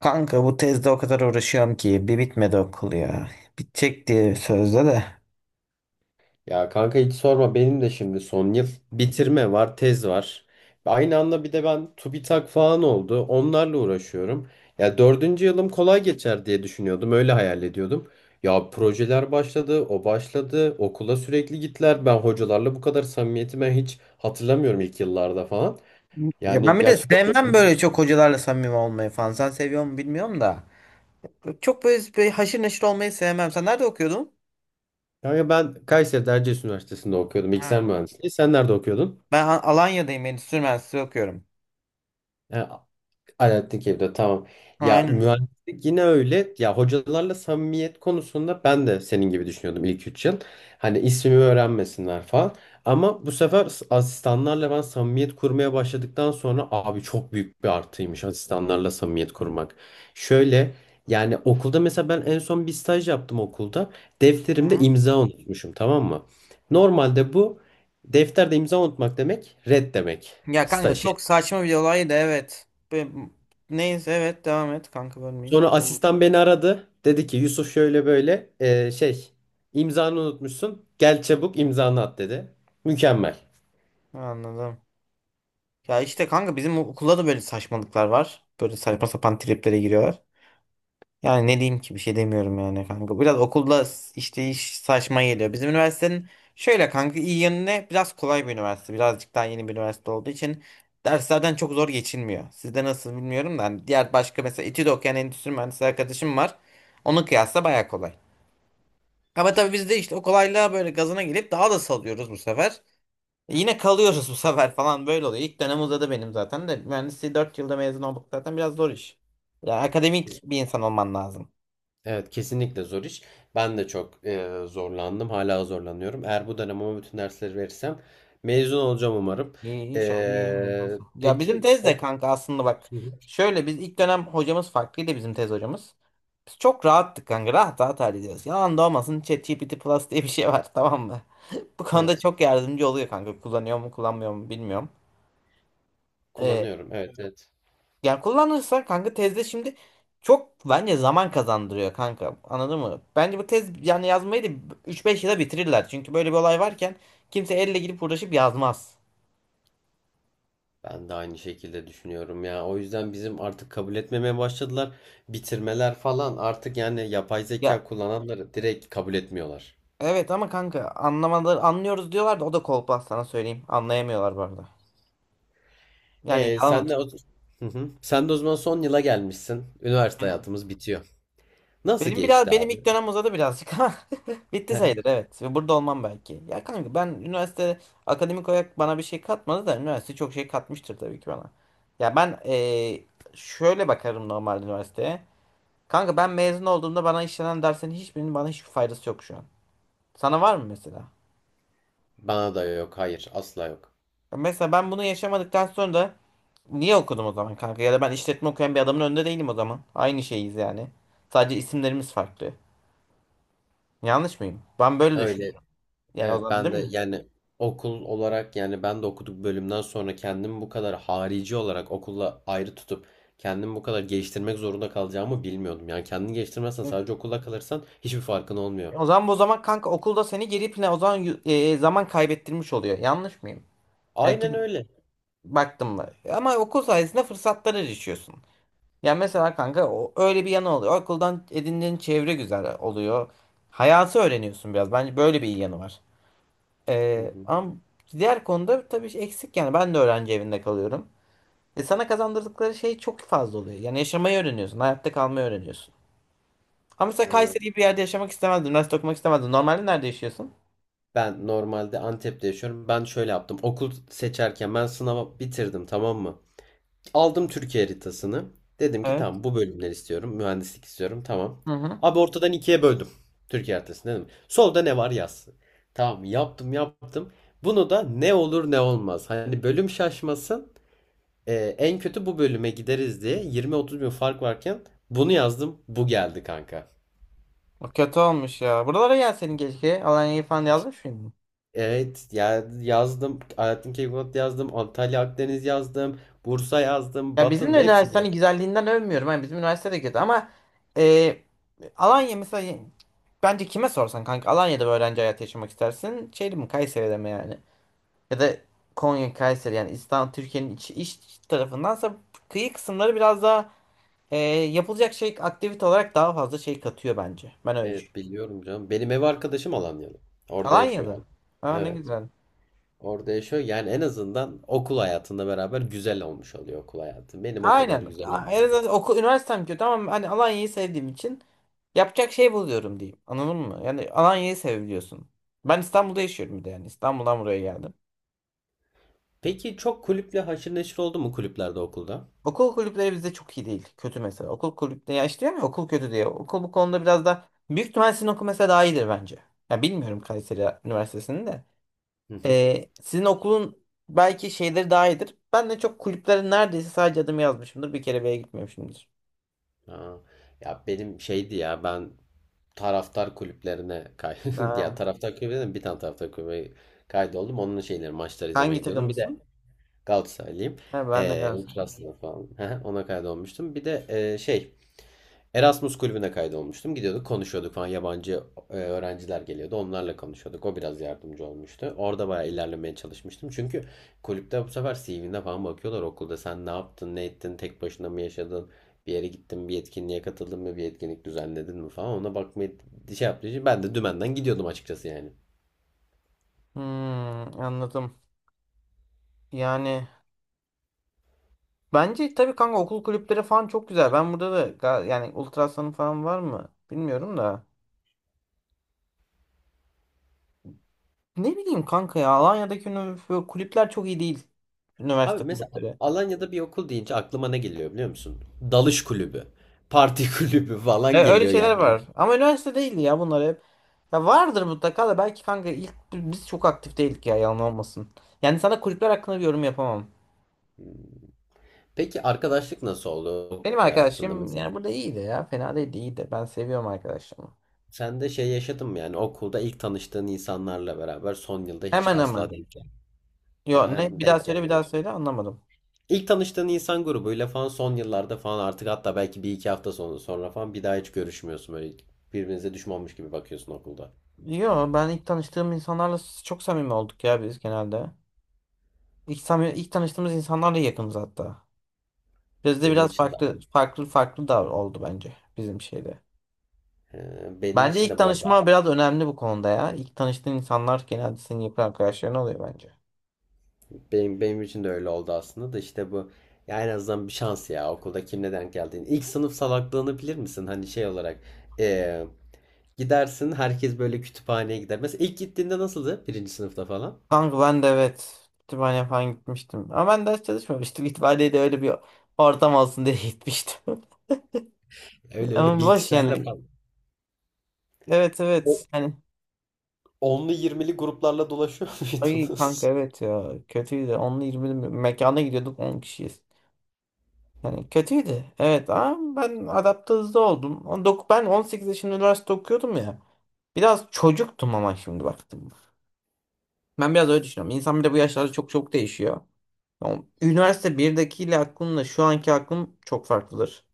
Kanka bu tezde o kadar uğraşıyorum ki bir bitmedi okul ya. Bitecek diye sözde de. Ya kanka hiç sorma, benim de şimdi son yıl bitirme var, tez var. Aynı anda bir de ben TÜBİTAK falan oldu. Onlarla uğraşıyorum. Ya dördüncü yılım kolay geçer diye düşünüyordum. Öyle hayal ediyordum. Ya projeler başladı, o başladı. Okula sürekli gittiler. Ben hocalarla bu kadar samimiyeti hiç hatırlamıyorum ilk yıllarda falan. Ya Yani ben bir de gerçekten zor. sevmem böyle çok hocalarla samimi olmayı falan. Sen seviyor mu bilmiyorum da. Çok böyle, böyle haşır neşir olmayı sevmem. Sen nerede okuyordun? Kanka ben Kayseri'de Erciyes Üniversitesi'nde okuyordum. Bilgisayar Ha, mühendisliği. Sen nerede okuyordun? ben Alanya'dayım. Endüstri Mühendisliği okuyorum. Alaaddin evde tamam. Ya Aynen. mühendislik yine öyle. Ya hocalarla samimiyet konusunda ben de senin gibi düşünüyordum ilk 3 yıl. Hani ismimi öğrenmesinler falan. Ama bu sefer asistanlarla ben samimiyet kurmaya başladıktan sonra abi çok büyük bir artıymış asistanlarla samimiyet kurmak. Şöyle, yani okulda mesela ben en son bir staj yaptım okulda. Defterimde Aha. imza unutmuşum, tamam mı? Normalde bu defterde imza unutmak demek red demek. Ya kanka Staj çok saçma bir olaydı, evet. Neyse, evet, devam et kanka, bölmeyeyim. Sonra, tamam. Asistan beni aradı. Dedi ki Yusuf şöyle böyle, şey, imzanı unutmuşsun. Gel çabuk imzanı at, dedi. Mükemmel. Anladım. Ya işte kanka bizim okulda da böyle saçmalıklar var. Böyle saçma sapan triplere giriyorlar. Yani ne diyeyim ki, bir şey demiyorum yani kanka. Biraz okulda işte iş saçma geliyor. Bizim üniversitenin şöyle kanka iyi yanı ne? Biraz kolay bir üniversite. Birazcık daha yeni bir üniversite olduğu için derslerden çok zor geçilmiyor. Sizde nasıl bilmiyorum da hani diğer başka mesela İTÜ'de okuyan endüstri mühendisi arkadaşım var. Onun kıyasla baya kolay. Ama tabii biz de işte o kolaylığa böyle gazına gelip daha da salıyoruz bu sefer. E yine kalıyoruz bu sefer falan, böyle oluyor. İlk dönem uzadı benim zaten de, mühendisliği 4 yılda mezun olduk zaten, biraz zor iş. Yani akademik Kes- bir insan olman lazım. Evet, kesinlikle zor iş. Ben de çok zorlandım. Hala zorlanıyorum. Eğer bu dönem ama bütün dersleri verirsem mezun olacağım umarım. İyi, inşallah iyi olursun. Ya bizim Peki, tez de kanka aslında bak. Şöyle, biz ilk dönem hocamız farklıydı, bizim tez hocamız. Biz çok rahattık kanka. Rahat rahat hallediyoruz. Yalan da olmasın, ChatGPT Plus diye bir şey var tamam mı? Bu konuda evet, çok yardımcı oluyor kanka. Kullanıyor mu kullanmıyor mu bilmiyorum. Ee, kullanıyorum. Evet, evet. yani kullanırsa kanka tezde şimdi çok bence zaman kazandırıyor kanka. Anladın mı? Bence bu tez yani yazmayı da 3-5 yıla bitirirler. Çünkü böyle bir olay varken kimse elle gidip uğraşıp yazmaz. Ben de aynı şekilde düşünüyorum ya. O yüzden bizim artık kabul etmemeye başladılar. Bitirmeler falan artık yani yapay Ya zeka kullananları direkt kabul etmiyorlar. evet, ama kanka anlamaları, anlıyoruz diyorlar da o da kolpa, sana söyleyeyim. Anlayamıyorlar bu arada. Yani E yalan sen de o... atıyor. Hı hı. Sen de o zaman son yıla gelmişsin. Üniversite Aynen. hayatımız bitiyor. Nasıl Benim biraz geçti benim abi? ilk dönem uzadı birazcık ama bitti sayılır, evet. Burada olmam belki. Ya kanka ben üniversite akademik olarak bana bir şey katmadı da, üniversite çok şey katmıştır tabii ki bana. Ya ben şöyle bakarım normal üniversiteye. Kanka ben mezun olduğumda bana işlenen derslerin hiçbirinin bana hiçbir faydası yok şu an. Sana var mı mesela? Bana da yok, hayır, asla yok. Ya mesela ben bunu yaşamadıktan sonra niye okudum o zaman kanka? Ya da ben işletme okuyan bir adamın önünde değilim o zaman. Aynı şeyiz yani. Sadece isimlerimiz farklı. Yanlış mıyım? Ben böyle Öyle. düşünüyorum. Yani o Evet, zaman ben değil de mi? yani okul olarak, yani ben de okuduk bölümden sonra kendimi bu kadar harici olarak okulla ayrı tutup kendimi bu kadar geliştirmek zorunda kalacağımı bilmiyordum. Yani kendini geliştirmezsen Yok. sadece okulla kalırsan hiçbir farkın olmuyor. O zaman bu zaman kanka okulda seni geri plan o zaman zaman kaybettirmiş oluyor. Yanlış mıyım? Yani Aynen öyle. baktım mı? Ama okul sayesinde fırsatlara erişiyorsun. Yani mesela kanka o, öyle bir yanı oluyor. Okuldan edindiğin çevre güzel oluyor. Hayatı öğreniyorsun biraz. Bence böyle bir iyi yanı var. Hı hı. Ama diğer konuda tabii şey eksik yani. Ben de öğrenci evinde kalıyorum. E sana kazandırdıkları şey çok fazla oluyor. Yani yaşamayı öğreniyorsun. Hayatta kalmayı öğreniyorsun. Ama mesela Evet. Kayseri gibi bir yerde yaşamak istemezdin. Üniversite okumak istemezdin. Normalde nerede yaşıyorsun? Ben normalde Antep'te yaşıyorum. Ben şöyle yaptım. Okul seçerken ben sınava bitirdim, tamam mı? Aldım Türkiye haritasını. Dedim ki Evet. tamam, bu bölümleri istiyorum. Mühendislik istiyorum. Tamam. Hı hı. Abi ortadan ikiye böldüm. Türkiye haritasını, dedim, solda ne var yaz. Tamam, yaptım yaptım. Bunu da ne olur ne olmaz. Hani bölüm şaşmasın. En kötü bu bölüme gideriz diye 20-30 bin fark varken bunu yazdım. Bu geldi kanka. O kötü olmuş ya. Buralara gel senin keşke. Alanya'yı falan yazmış mıydın? Evet ya, yazdım. Alaaddin Keykubat yazdım. Antalya Akdeniz yazdım. Bursa yazdım. Ya bizim Batın de hepsini. üniversitenin güzelliğinden övmüyorum. Yani bizim üniversite de kötü ama e, Alanya mesela bence kime sorsan kanka Alanya'da bir öğrenci hayatı yaşamak istersin. Şeyde mi Kayseri'de mi yani? Ya da Konya Kayseri yani, İstanbul Türkiye'nin iç tarafındansa kıyı kısımları biraz daha Ee, yapılacak şey aktivite olarak daha fazla şey katıyor bence. Ben öyle düşünüyorum. Evet, biliyorum canım. Benim ev arkadaşım Alanyalı. Orada yaşıyor abi. Alanya'da. Ha, ne Evet. güzel. Orada yaşıyor. Yani en azından okul hayatında beraber güzel olmuş oluyor okul hayatı. Benim o kadar Aynen. güzel En olmadı. azından okul, üniversitem kötü ama hani Alanya'yı sevdiğim için yapacak şey buluyorum diyeyim. Anladın mı? Yani Alanya'yı seviyorsun. Ben İstanbul'da yaşıyorum bir de yani. İstanbul'dan buraya geldim. Peki, çok kulüple haşır neşir oldu mu kulüplerde, okulda? Okul kulüpleri bizde çok iyi değil. Kötü mesela. Okul kulüpleri ya işte, diyorum ya okul kötü diye. Okul bu konuda biraz da, büyük ihtimal sizin okul mesela daha iyidir bence. Ya bilmiyorum Kayseri Üniversitesi'nin de. Hı hı. Sizin okulun belki şeyleri daha iyidir. Ben de çok kulüplerin neredeyse sadece adımı yazmışımdır. Bir kere bile gitmemişimdir. Aa, ya benim şeydi ya ben taraftar kulüplerine ya Ha, taraftar kulübüne bir tane taraftar kulübüne kaydoldum. Onun şeyleri, maçları hangi izlemeye gidiyordum. Bir de takımlısın? Galatasaraylıyım. Ha, ben de Galatasaray'ım. Ultras'la falan. Ona kaydolmuştum. Bir de şey, Erasmus kulübüne kaydolmuştum. Gidiyorduk, konuşuyorduk falan. Yabancı öğrenciler geliyordu. Onlarla konuşuyorduk. O biraz yardımcı olmuştu. Orada bayağı ilerlemeye çalışmıştım. Çünkü kulüpte bu sefer CV'ne falan bakıyorlar okulda. Sen ne yaptın, ne ettin, tek başına mı yaşadın, bir yere gittin, bir etkinliğe katıldın mı, bir etkinlik düzenledin mi falan. Ona bakmayı şey yaptığı ben de dümenden gidiyordum açıkçası yani. Hmm, anladım. Yani bence tabii kanka okul kulüpleri falan çok güzel. Ben burada da yani Ultrasan'ın falan var mı? Bilmiyorum da. Ne bileyim kanka, ya Alanya'daki kulüpler çok iyi değil. Abi Üniversite mesela kulüpleri. Alanya'da bir okul deyince aklıma ne geliyor biliyor musun? Dalış kulübü, parti kulübü falan Öyle geliyor şeyler yani. var. Ama üniversite değildi ya bunlar hep. Ya vardır mutlaka da, belki kanka ilk biz çok aktif değildik ya, yalan olmasın. Yani sana kulüpler hakkında bir yorum yapamam. Peki, arkadaşlık nasıl oldu Benim okul hayatında arkadaşım mesela? yani burada iyiydi ya. Fena değildi, iyiydi. Ben seviyorum arkadaşımı. Sen de şey yaşadın mı yani okulda ilk tanıştığın insanlarla beraber son yılda hiç Hemen asla hemen. denk gel He, Yo, ne, hem bir daha denk söyle bir gelmiyor. daha söyle, anlamadım. İlk tanıştığın insan grubuyla falan son yıllarda falan artık, hatta belki bir iki hafta sonra falan bir daha hiç görüşmüyorsun, böyle birbirinize düşmanmış gibi bakıyorsun okulda. Yo, ben ilk tanıştığım insanlarla çok samimi olduk ya biz genelde. İlk, samimi, ilk tanıştığımız insanlarla yakınız hatta. Bizde Benim biraz için de farklı farklı farklı da oldu bence bizim şeyde. he, benim Bence için ilk de bu arada, tanışma biraz önemli bu konuda ya. İlk tanıştığın insanlar genelde senin yakın arkadaşların oluyor bence. Benim için de öyle oldu aslında, da işte bu, ya en azından bir şans ya okulda kimle denk geldiğin. İlk sınıf salaklığını bilir misin? Hani şey olarak, e, gidersin, herkes böyle kütüphaneye gider. Mesela ilk gittiğinde nasıldı? Birinci sınıfta falan. Kanka ben de evet kütüphane falan gitmiştim. Ama ben ders çalışmamıştım. Kütüphaneye de öyle bir ortam olsun diye gitmiştim. Öyle öyle, Ama boş bilgisayarla yani. falan. Evet, evet. O Yani onlu yirmili gruplarla dolaşıyor ay kanka muydunuz? evet ya. Kötüydü. 10'lu 20'li mekana gidiyorduk 10 kişiyiz. Yani kötüydü. Evet ama ben adapte hızlı oldum. Ben 18 yaşında üniversite okuyordum ya. Biraz çocuktum ama şimdi baktım. Ben biraz öyle düşünüyorum. İnsan bir de bu yaşlarda çok çok değişiyor. Yani üniversite birdekiyle aklımla şu anki aklım çok farklıdır.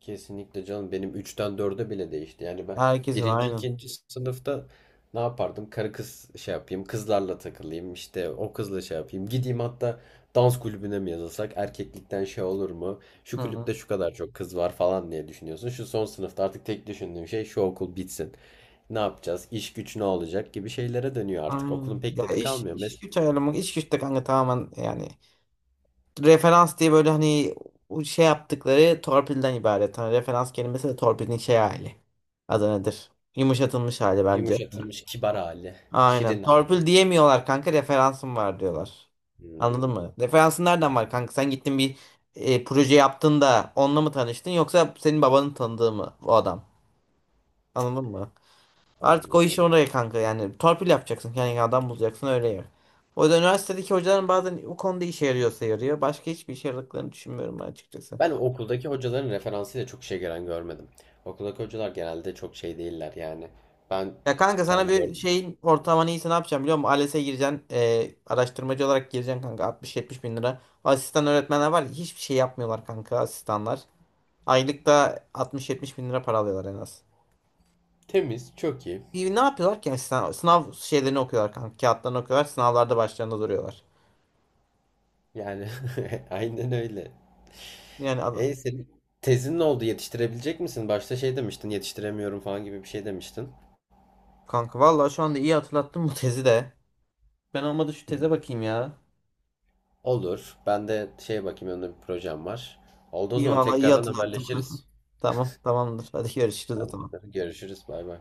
Kesinlikle canım, benim üçten 4'e bile değişti. Yani ben Herkesin birinci aynı. ikinci sınıfta ne yapardım? Karı kız şey yapayım, kızlarla takılayım, işte o kızla şey yapayım. Gideyim hatta, dans kulübüne mi yazılsak? Erkeklikten şey olur mu? Hı Şu hı. kulüpte şu kadar çok kız var falan diye düşünüyorsun. Şu son sınıfta artık tek düşündüğüm şey şu okul bitsin. Ne yapacağız? İş güç ne olacak gibi şeylere dönüyor artık. Aynen. Okulun pek Ya tadı iş, kalmıyor. Mes iş güç ayarlamak, iş güç de kanka tamamen yani referans diye, böyle hani o şey yaptıkları torpilden ibaret. Hani referans kelimesi de torpilin şey hali. Adı nedir? Yumuşatılmış hali bence. yumuşatılmış kibar hali, Aynen. şirin hali. Torpil diyemiyorlar kanka, referansım var diyorlar. Anladın Hmm, mı? Referansın nereden var kanka? Sen gittin bir proje yaptın da onunla mı tanıştın, yoksa senin babanın tanıdığı mı o adam? Anladın mı? Artık o iş anladım. oraya kanka, yani torpil yapacaksın, kendine adam bulacaksın, öyle yer. O yüzden üniversitedeki hocaların bazen o konuda işe yarıyorsa yarıyor. Başka hiçbir işe yaradıklarını düşünmüyorum ben açıkçası. Ben okuldaki hocaların referansıyla çok şey gelen görmedim. Okuldaki hocalar genelde çok şey değiller yani. Ben Ya kanka sana tam bir gördüm. şeyin ortalamanı iyisi ne yapacağım biliyor musun? ALES'e gireceksin. Araştırmacı olarak gireceksin kanka 60-70 bin lira. Asistan öğretmenler var ya hiçbir şey yapmıyorlar kanka asistanlar. Aylıkta 60-70 bin lira para alıyorlar en az. Temiz, çok iyi. Bir ne yapıyorlar ki asistan? Sınav şeylerini okuyorlar kanka. Kağıtlarını okuyorlar. Sınavlarda başlarında duruyorlar. Yani aynen öyle. Yani E senin tezin ne oldu? Yetiştirebilecek misin? Başta şey demiştin, yetiştiremiyorum falan gibi bir şey demiştin. kanka vallahi şu anda iyi hatırlattın bu tezi de. Ben olmadı şu teze bakayım ya. Olur. Ben de şey bakayım, önümde bir projem var. Oldu o İyi zaman, vallahi iyi tekrardan hatırlattın. haberleşiriz. Tamam, tamamdır. Hadi görüşürüz o Tamam. zaman. Görüşürüz. Bay bay.